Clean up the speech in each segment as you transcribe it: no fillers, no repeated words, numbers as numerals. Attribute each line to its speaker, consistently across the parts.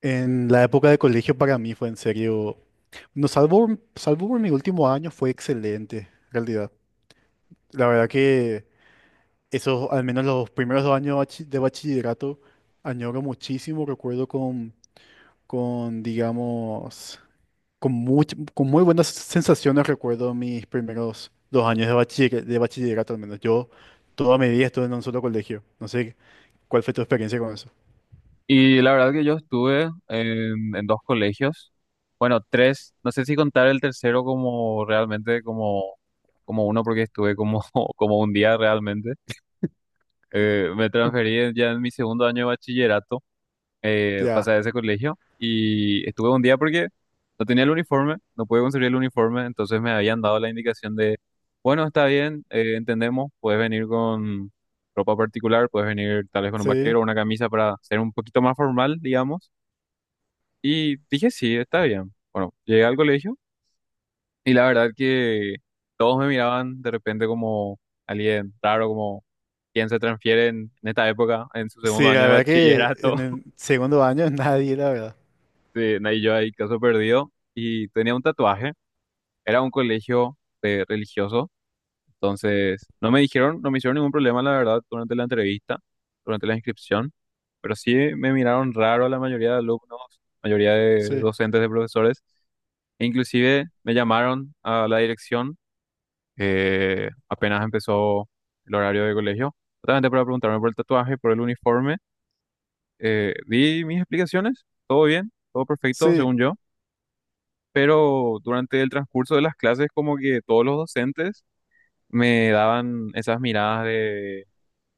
Speaker 1: En la época de colegio para mí fue en serio, no, salvo por mi último año fue excelente, en realidad. La verdad que esos, al menos los primeros 2 años de bachillerato, añoro muchísimo, recuerdo con digamos, con muy buenas sensaciones recuerdo mis primeros 2 años de de bachillerato, al menos. Yo toda mi vida estuve en un solo colegio, no sé cuál fue tu experiencia con eso.
Speaker 2: Y la verdad que yo estuve en dos colegios, bueno, tres, no sé si contar el tercero como realmente como uno porque estuve como, como un día realmente. Me
Speaker 1: Co-
Speaker 2: transferí ya en mi segundo año de bachillerato,
Speaker 1: Ya,
Speaker 2: pasé a ese colegio y estuve un día porque no tenía el uniforme, no pude conseguir el uniforme, entonces me habían dado la indicación de, bueno, está bien, entendemos, puedes venir con ropa particular, puedes venir tal vez con un
Speaker 1: sí.
Speaker 2: vaquero, una camisa para ser un poquito más formal, digamos y dije, sí, está bien. Bueno, llegué al colegio y la verdad que todos me miraban de repente como alguien raro, como quien se transfiere en esta época, en su segundo
Speaker 1: Sí,
Speaker 2: año
Speaker 1: la
Speaker 2: de
Speaker 1: verdad que
Speaker 2: bachillerato.
Speaker 1: en el segundo año nadie, la verdad.
Speaker 2: Sí, y yo ahí, caso perdido. Y tenía un tatuaje. Era un colegio religioso. Entonces, no me dijeron, no me hicieron ningún problema, la verdad, durante la entrevista, durante la inscripción. Pero sí me miraron raro la mayoría de alumnos, mayoría de
Speaker 1: Sí,
Speaker 2: docentes, de profesores. E inclusive me llamaron a la dirección apenas empezó el horario de colegio, justamente para preguntarme por el tatuaje, por el uniforme. Di mis explicaciones, todo bien, todo perfecto,
Speaker 1: sí,
Speaker 2: según yo, pero durante el transcurso de las clases como que todos los docentes me daban esas miradas de,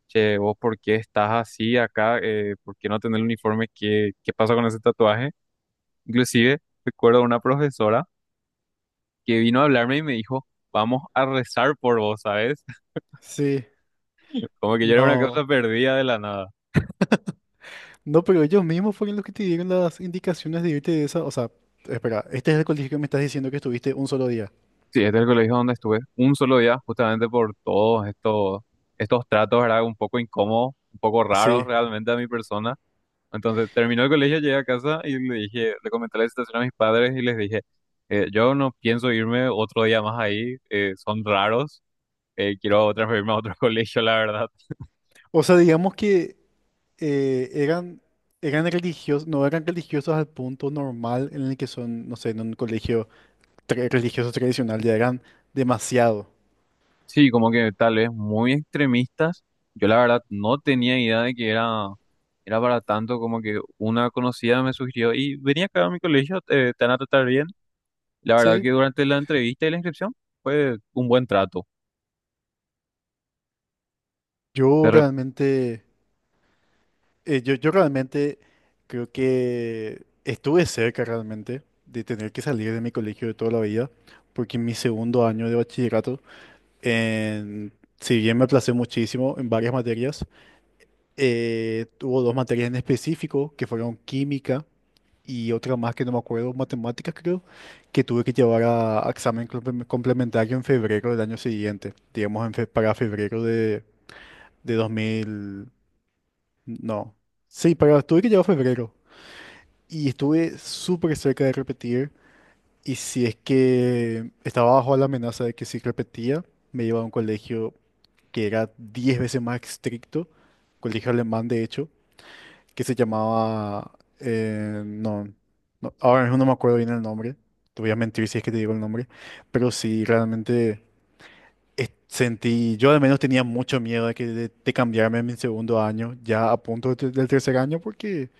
Speaker 2: che, vos por qué estás así acá, ¿por qué no tenés el uniforme? ¿Qué, qué pasa con ese tatuaje? Inclusive recuerdo una profesora que vino a hablarme y me dijo, vamos a rezar por vos, ¿sabes?
Speaker 1: sí,
Speaker 2: Como que yo era una
Speaker 1: no.
Speaker 2: cosa perdida de la nada.
Speaker 1: No, pero ellos mismos fueron los que te dieron las indicaciones de irte de esa. O sea, espera, este es el colegio que me estás diciendo que estuviste un solo día.
Speaker 2: Sí, este es el colegio donde estuve un solo día, justamente por todos estos tratos, ¿verdad? Un poco incómodos, un poco raros
Speaker 1: Sí.
Speaker 2: realmente a mi persona. Entonces terminó el colegio, llegué a casa y le dije, le comenté la situación a mis padres y les dije, yo no pienso irme otro día más ahí, son raros, quiero transferirme a otro colegio, la verdad.
Speaker 1: O sea, digamos que eh, eran, eran religiosos, no eran religiosos al punto normal en el que son, no sé, en un colegio religioso tradicional, ya eran demasiado.
Speaker 2: Sí, como que tal vez muy extremistas. Yo la verdad no tenía idea de que era para tanto, como que una conocida me sugirió y venía acá a mi colegio, te van a tratar bien. La verdad
Speaker 1: Sí.
Speaker 2: que durante la entrevista y la inscripción fue un buen trato. De
Speaker 1: Yo
Speaker 2: rep-
Speaker 1: realmente. Yo realmente creo que estuve cerca realmente de tener que salir de mi colegio de toda la vida, porque en mi segundo año de bachillerato, en- si bien me aplacé muchísimo en varias materias, tuvo dos materias en específico, que fueron química y otra más que no me acuerdo, matemáticas creo, que tuve que llevar a examen complementario en febrero del año siguiente, digamos para febrero de 2000, no, sí, para, tuve que llevar febrero. Y estuve súper cerca de repetir. Y si es que estaba bajo la amenaza de que si repetía, me iba a un colegio que era 10 veces más estricto, colegio alemán de hecho, que se llamaba. No, no, ahora mismo no me acuerdo bien el nombre. Te voy a mentir si es que te digo el nombre. Pero sí, realmente sentí. Yo al menos tenía mucho miedo de cambiarme en mi segundo año, ya a punto del tercer año, porque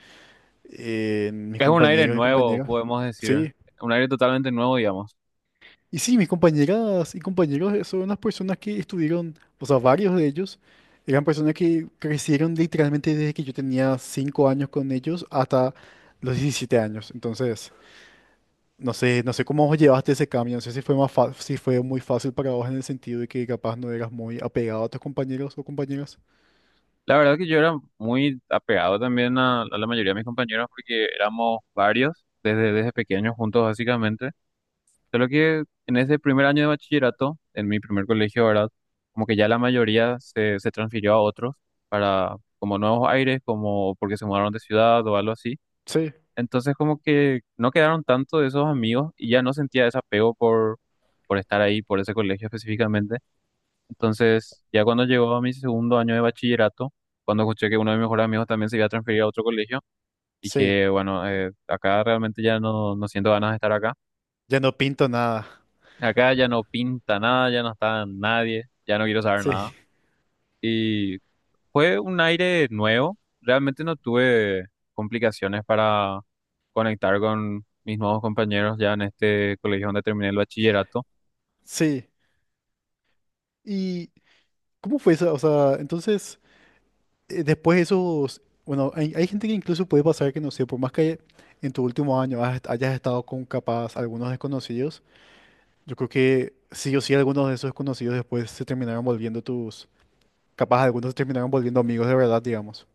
Speaker 1: mis
Speaker 2: es un aire
Speaker 1: compañeros y
Speaker 2: nuevo,
Speaker 1: compañeras.
Speaker 2: podemos decir,
Speaker 1: Sí,
Speaker 2: un aire totalmente nuevo, digamos.
Speaker 1: y sí, mis compañeras y compañeros son unas personas que estuvieron, o sea, varios de ellos eran personas que crecieron literalmente desde que yo tenía 5 años con ellos hasta los 17 años. Entonces, no sé, no sé cómo vos llevaste ese cambio, no sé si fue más si fue muy fácil para vos en el sentido de que capaz no eras muy apegado a tus compañeros o compañeras.
Speaker 2: La verdad que yo era muy apegado también a la mayoría de mis compañeros porque éramos varios desde pequeños juntos básicamente. Solo que en ese primer año de bachillerato, en mi primer colegio, ¿verdad? Como que ya la mayoría se transfirió a otros para como nuevos aires, como porque se mudaron de ciudad o algo así.
Speaker 1: Sí,
Speaker 2: Entonces como que no quedaron tanto de esos amigos y ya no sentía ese apego por estar ahí, por ese colegio específicamente. Entonces ya cuando llegó a mi segundo año de bachillerato, cuando escuché que uno de mis mejores amigos también se iba a transferir a otro colegio,
Speaker 1: sí,
Speaker 2: dije, bueno, acá realmente ya no siento ganas de estar acá.
Speaker 1: ya no pinto nada.
Speaker 2: Acá ya no pinta nada, ya no está nadie, ya no quiero saber
Speaker 1: Sí,
Speaker 2: nada. Y fue un aire nuevo. Realmente no tuve complicaciones para conectar con mis nuevos compañeros ya en este colegio donde terminé el bachillerato.
Speaker 1: sí. ¿Y cómo fue esa? O sea, entonces después esos, bueno, hay gente que incluso puede pasar que, no sé, por más que en tu último año hayas estado con capaz algunos desconocidos, yo creo que sí o sí algunos de esos desconocidos después se terminaron volviendo tus, capaz algunos se terminaron volviendo amigos de verdad, digamos.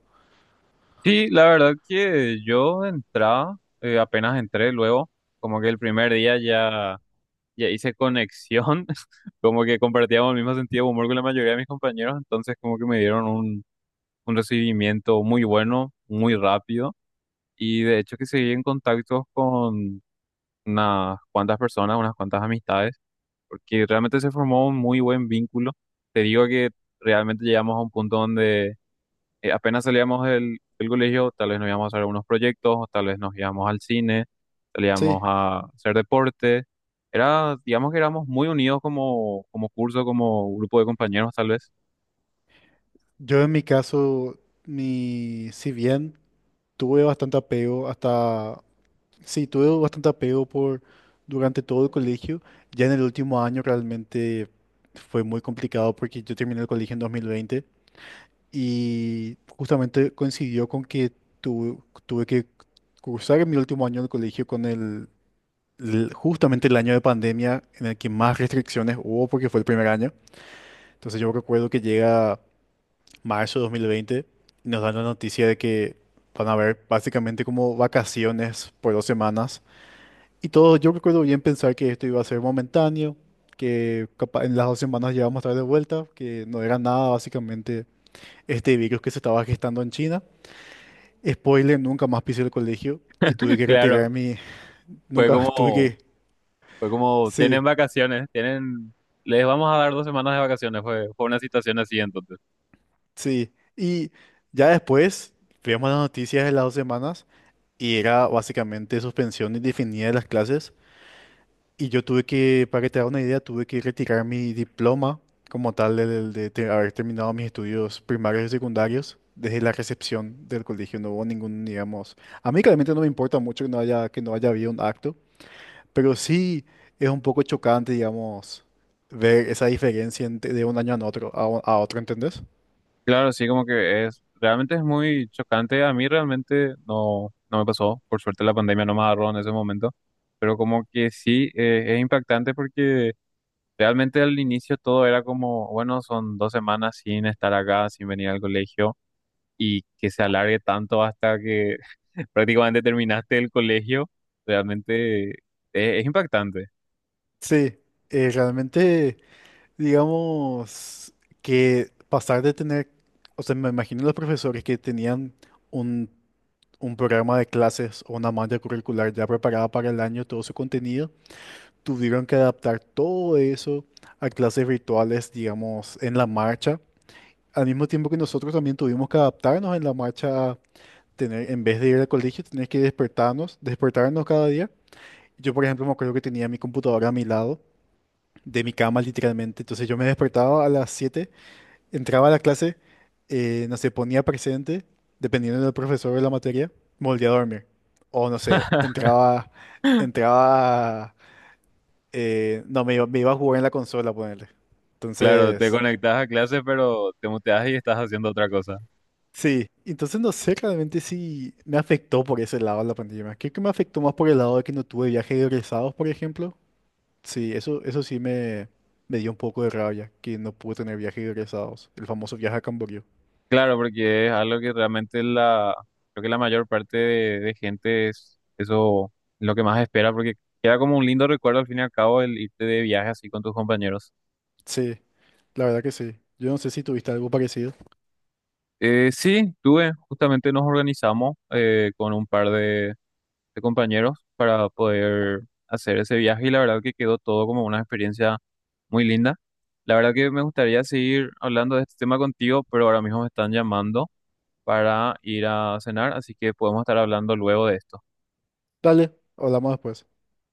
Speaker 2: Sí, la verdad que yo entraba, apenas entré luego, como que el primer día ya, ya hice conexión, como que compartíamos el mismo sentido de humor con la mayoría de mis compañeros, entonces como que me dieron un recibimiento muy bueno, muy rápido. Y de hecho que seguí en contacto con unas cuantas personas, unas cuantas amistades, porque realmente se formó un muy buen vínculo. Te digo que realmente llegamos a un punto donde apenas salíamos del colegio, tal vez nos íbamos a hacer unos proyectos, o tal vez nos íbamos al cine,
Speaker 1: Sí,
Speaker 2: salíamos a hacer deporte. Era, digamos que éramos muy unidos como, como curso, como grupo de compañeros, tal vez.
Speaker 1: yo en mi caso, mi, si bien tuve bastante apego hasta, sí, tuve bastante apego por durante todo el colegio, ya en el último año realmente fue muy complicado porque yo terminé el colegio en 2020 y justamente coincidió con que tuve que cursar mi último año del colegio con justamente el año de pandemia en el que más restricciones hubo porque fue el primer año. Entonces yo recuerdo que llega marzo de 2020 y nos dan la noticia de que van a haber básicamente como vacaciones por 2 semanas. Y todo, yo recuerdo bien pensar que esto iba a ser momentáneo, que en las 2 semanas ya vamos a estar de vuelta, que no era nada básicamente este virus que se estaba gestando en China. Spoiler, nunca más pisé el colegio y tuve que
Speaker 2: Claro.
Speaker 1: retirar mi.
Speaker 2: Fue
Speaker 1: Nunca más tuve
Speaker 2: como,
Speaker 1: que.
Speaker 2: Fue como, tienen
Speaker 1: Sí,
Speaker 2: vacaciones, tienen, les vamos a dar dos semanas de vacaciones, fue, fue una situación así entonces.
Speaker 1: sí. Y ya después veíamos las noticias de las 2 semanas y era básicamente suspensión indefinida de las clases. Y yo tuve que, para que te hagas una idea, tuve que retirar mi diploma como tal de haber terminado mis estudios primarios y secundarios desde la recepción del colegio. No hubo ningún, digamos. A mí claramente no me importa mucho que no haya, habido un acto. Pero sí es un poco chocante, digamos, ver esa diferencia de un año a otro, a otro, ¿entendés?
Speaker 2: Claro, sí, como que es, realmente es muy chocante. A mí realmente no, no me pasó. Por suerte la pandemia no me agarró en ese momento. Pero como que sí, es impactante porque realmente al inicio todo era como, bueno, son dos semanas sin estar acá, sin venir al colegio y que se alargue tanto hasta que prácticamente terminaste el colegio, realmente es impactante.
Speaker 1: Sí, realmente, digamos, que pasar de tener, o sea, me imagino los profesores que tenían un, un programa de clases o una malla curricular ya preparada para el año, todo su contenido, tuvieron que adaptar todo eso a clases virtuales, digamos, en la marcha, al mismo tiempo que nosotros también tuvimos que adaptarnos en la marcha tener, en vez de ir al colegio, tener que despertarnos cada día. Yo, por ejemplo, me acuerdo que tenía mi computadora a mi lado, de mi cama literalmente. Entonces yo me despertaba a las 7, entraba a la clase, no sé, ponía presente, dependiendo del profesor de la materia, me volvía a dormir. O no sé, entraba, no, me iba a jugar en la consola, ponerle.
Speaker 2: Claro, te
Speaker 1: Entonces,
Speaker 2: conectas a clase, pero te muteas y estás haciendo otra cosa.
Speaker 1: sí, entonces no sé realmente si me afectó por ese lado la pandemia. Creo que me afectó más por el lado de que no tuve viajes egresados, por ejemplo. Sí, eso sí me dio un poco de rabia, que no pude tener viajes egresados. El famoso viaje a Camboriú.
Speaker 2: Claro, porque es algo que realmente creo que la mayor parte de gente es eso lo que más espera, porque queda como un lindo recuerdo al fin y al cabo el irte de viaje así con tus compañeros.
Speaker 1: Sí, la verdad que sí. Yo no sé si tuviste algo parecido.
Speaker 2: Sí, tuve, justamente nos organizamos con un par de compañeros para poder hacer ese viaje y la verdad que quedó todo como una experiencia muy linda. La verdad que me gustaría seguir hablando de este tema contigo, pero ahora mismo me están llamando para ir a cenar, así que podemos estar hablando luego de esto.
Speaker 1: Dale, hablamos después.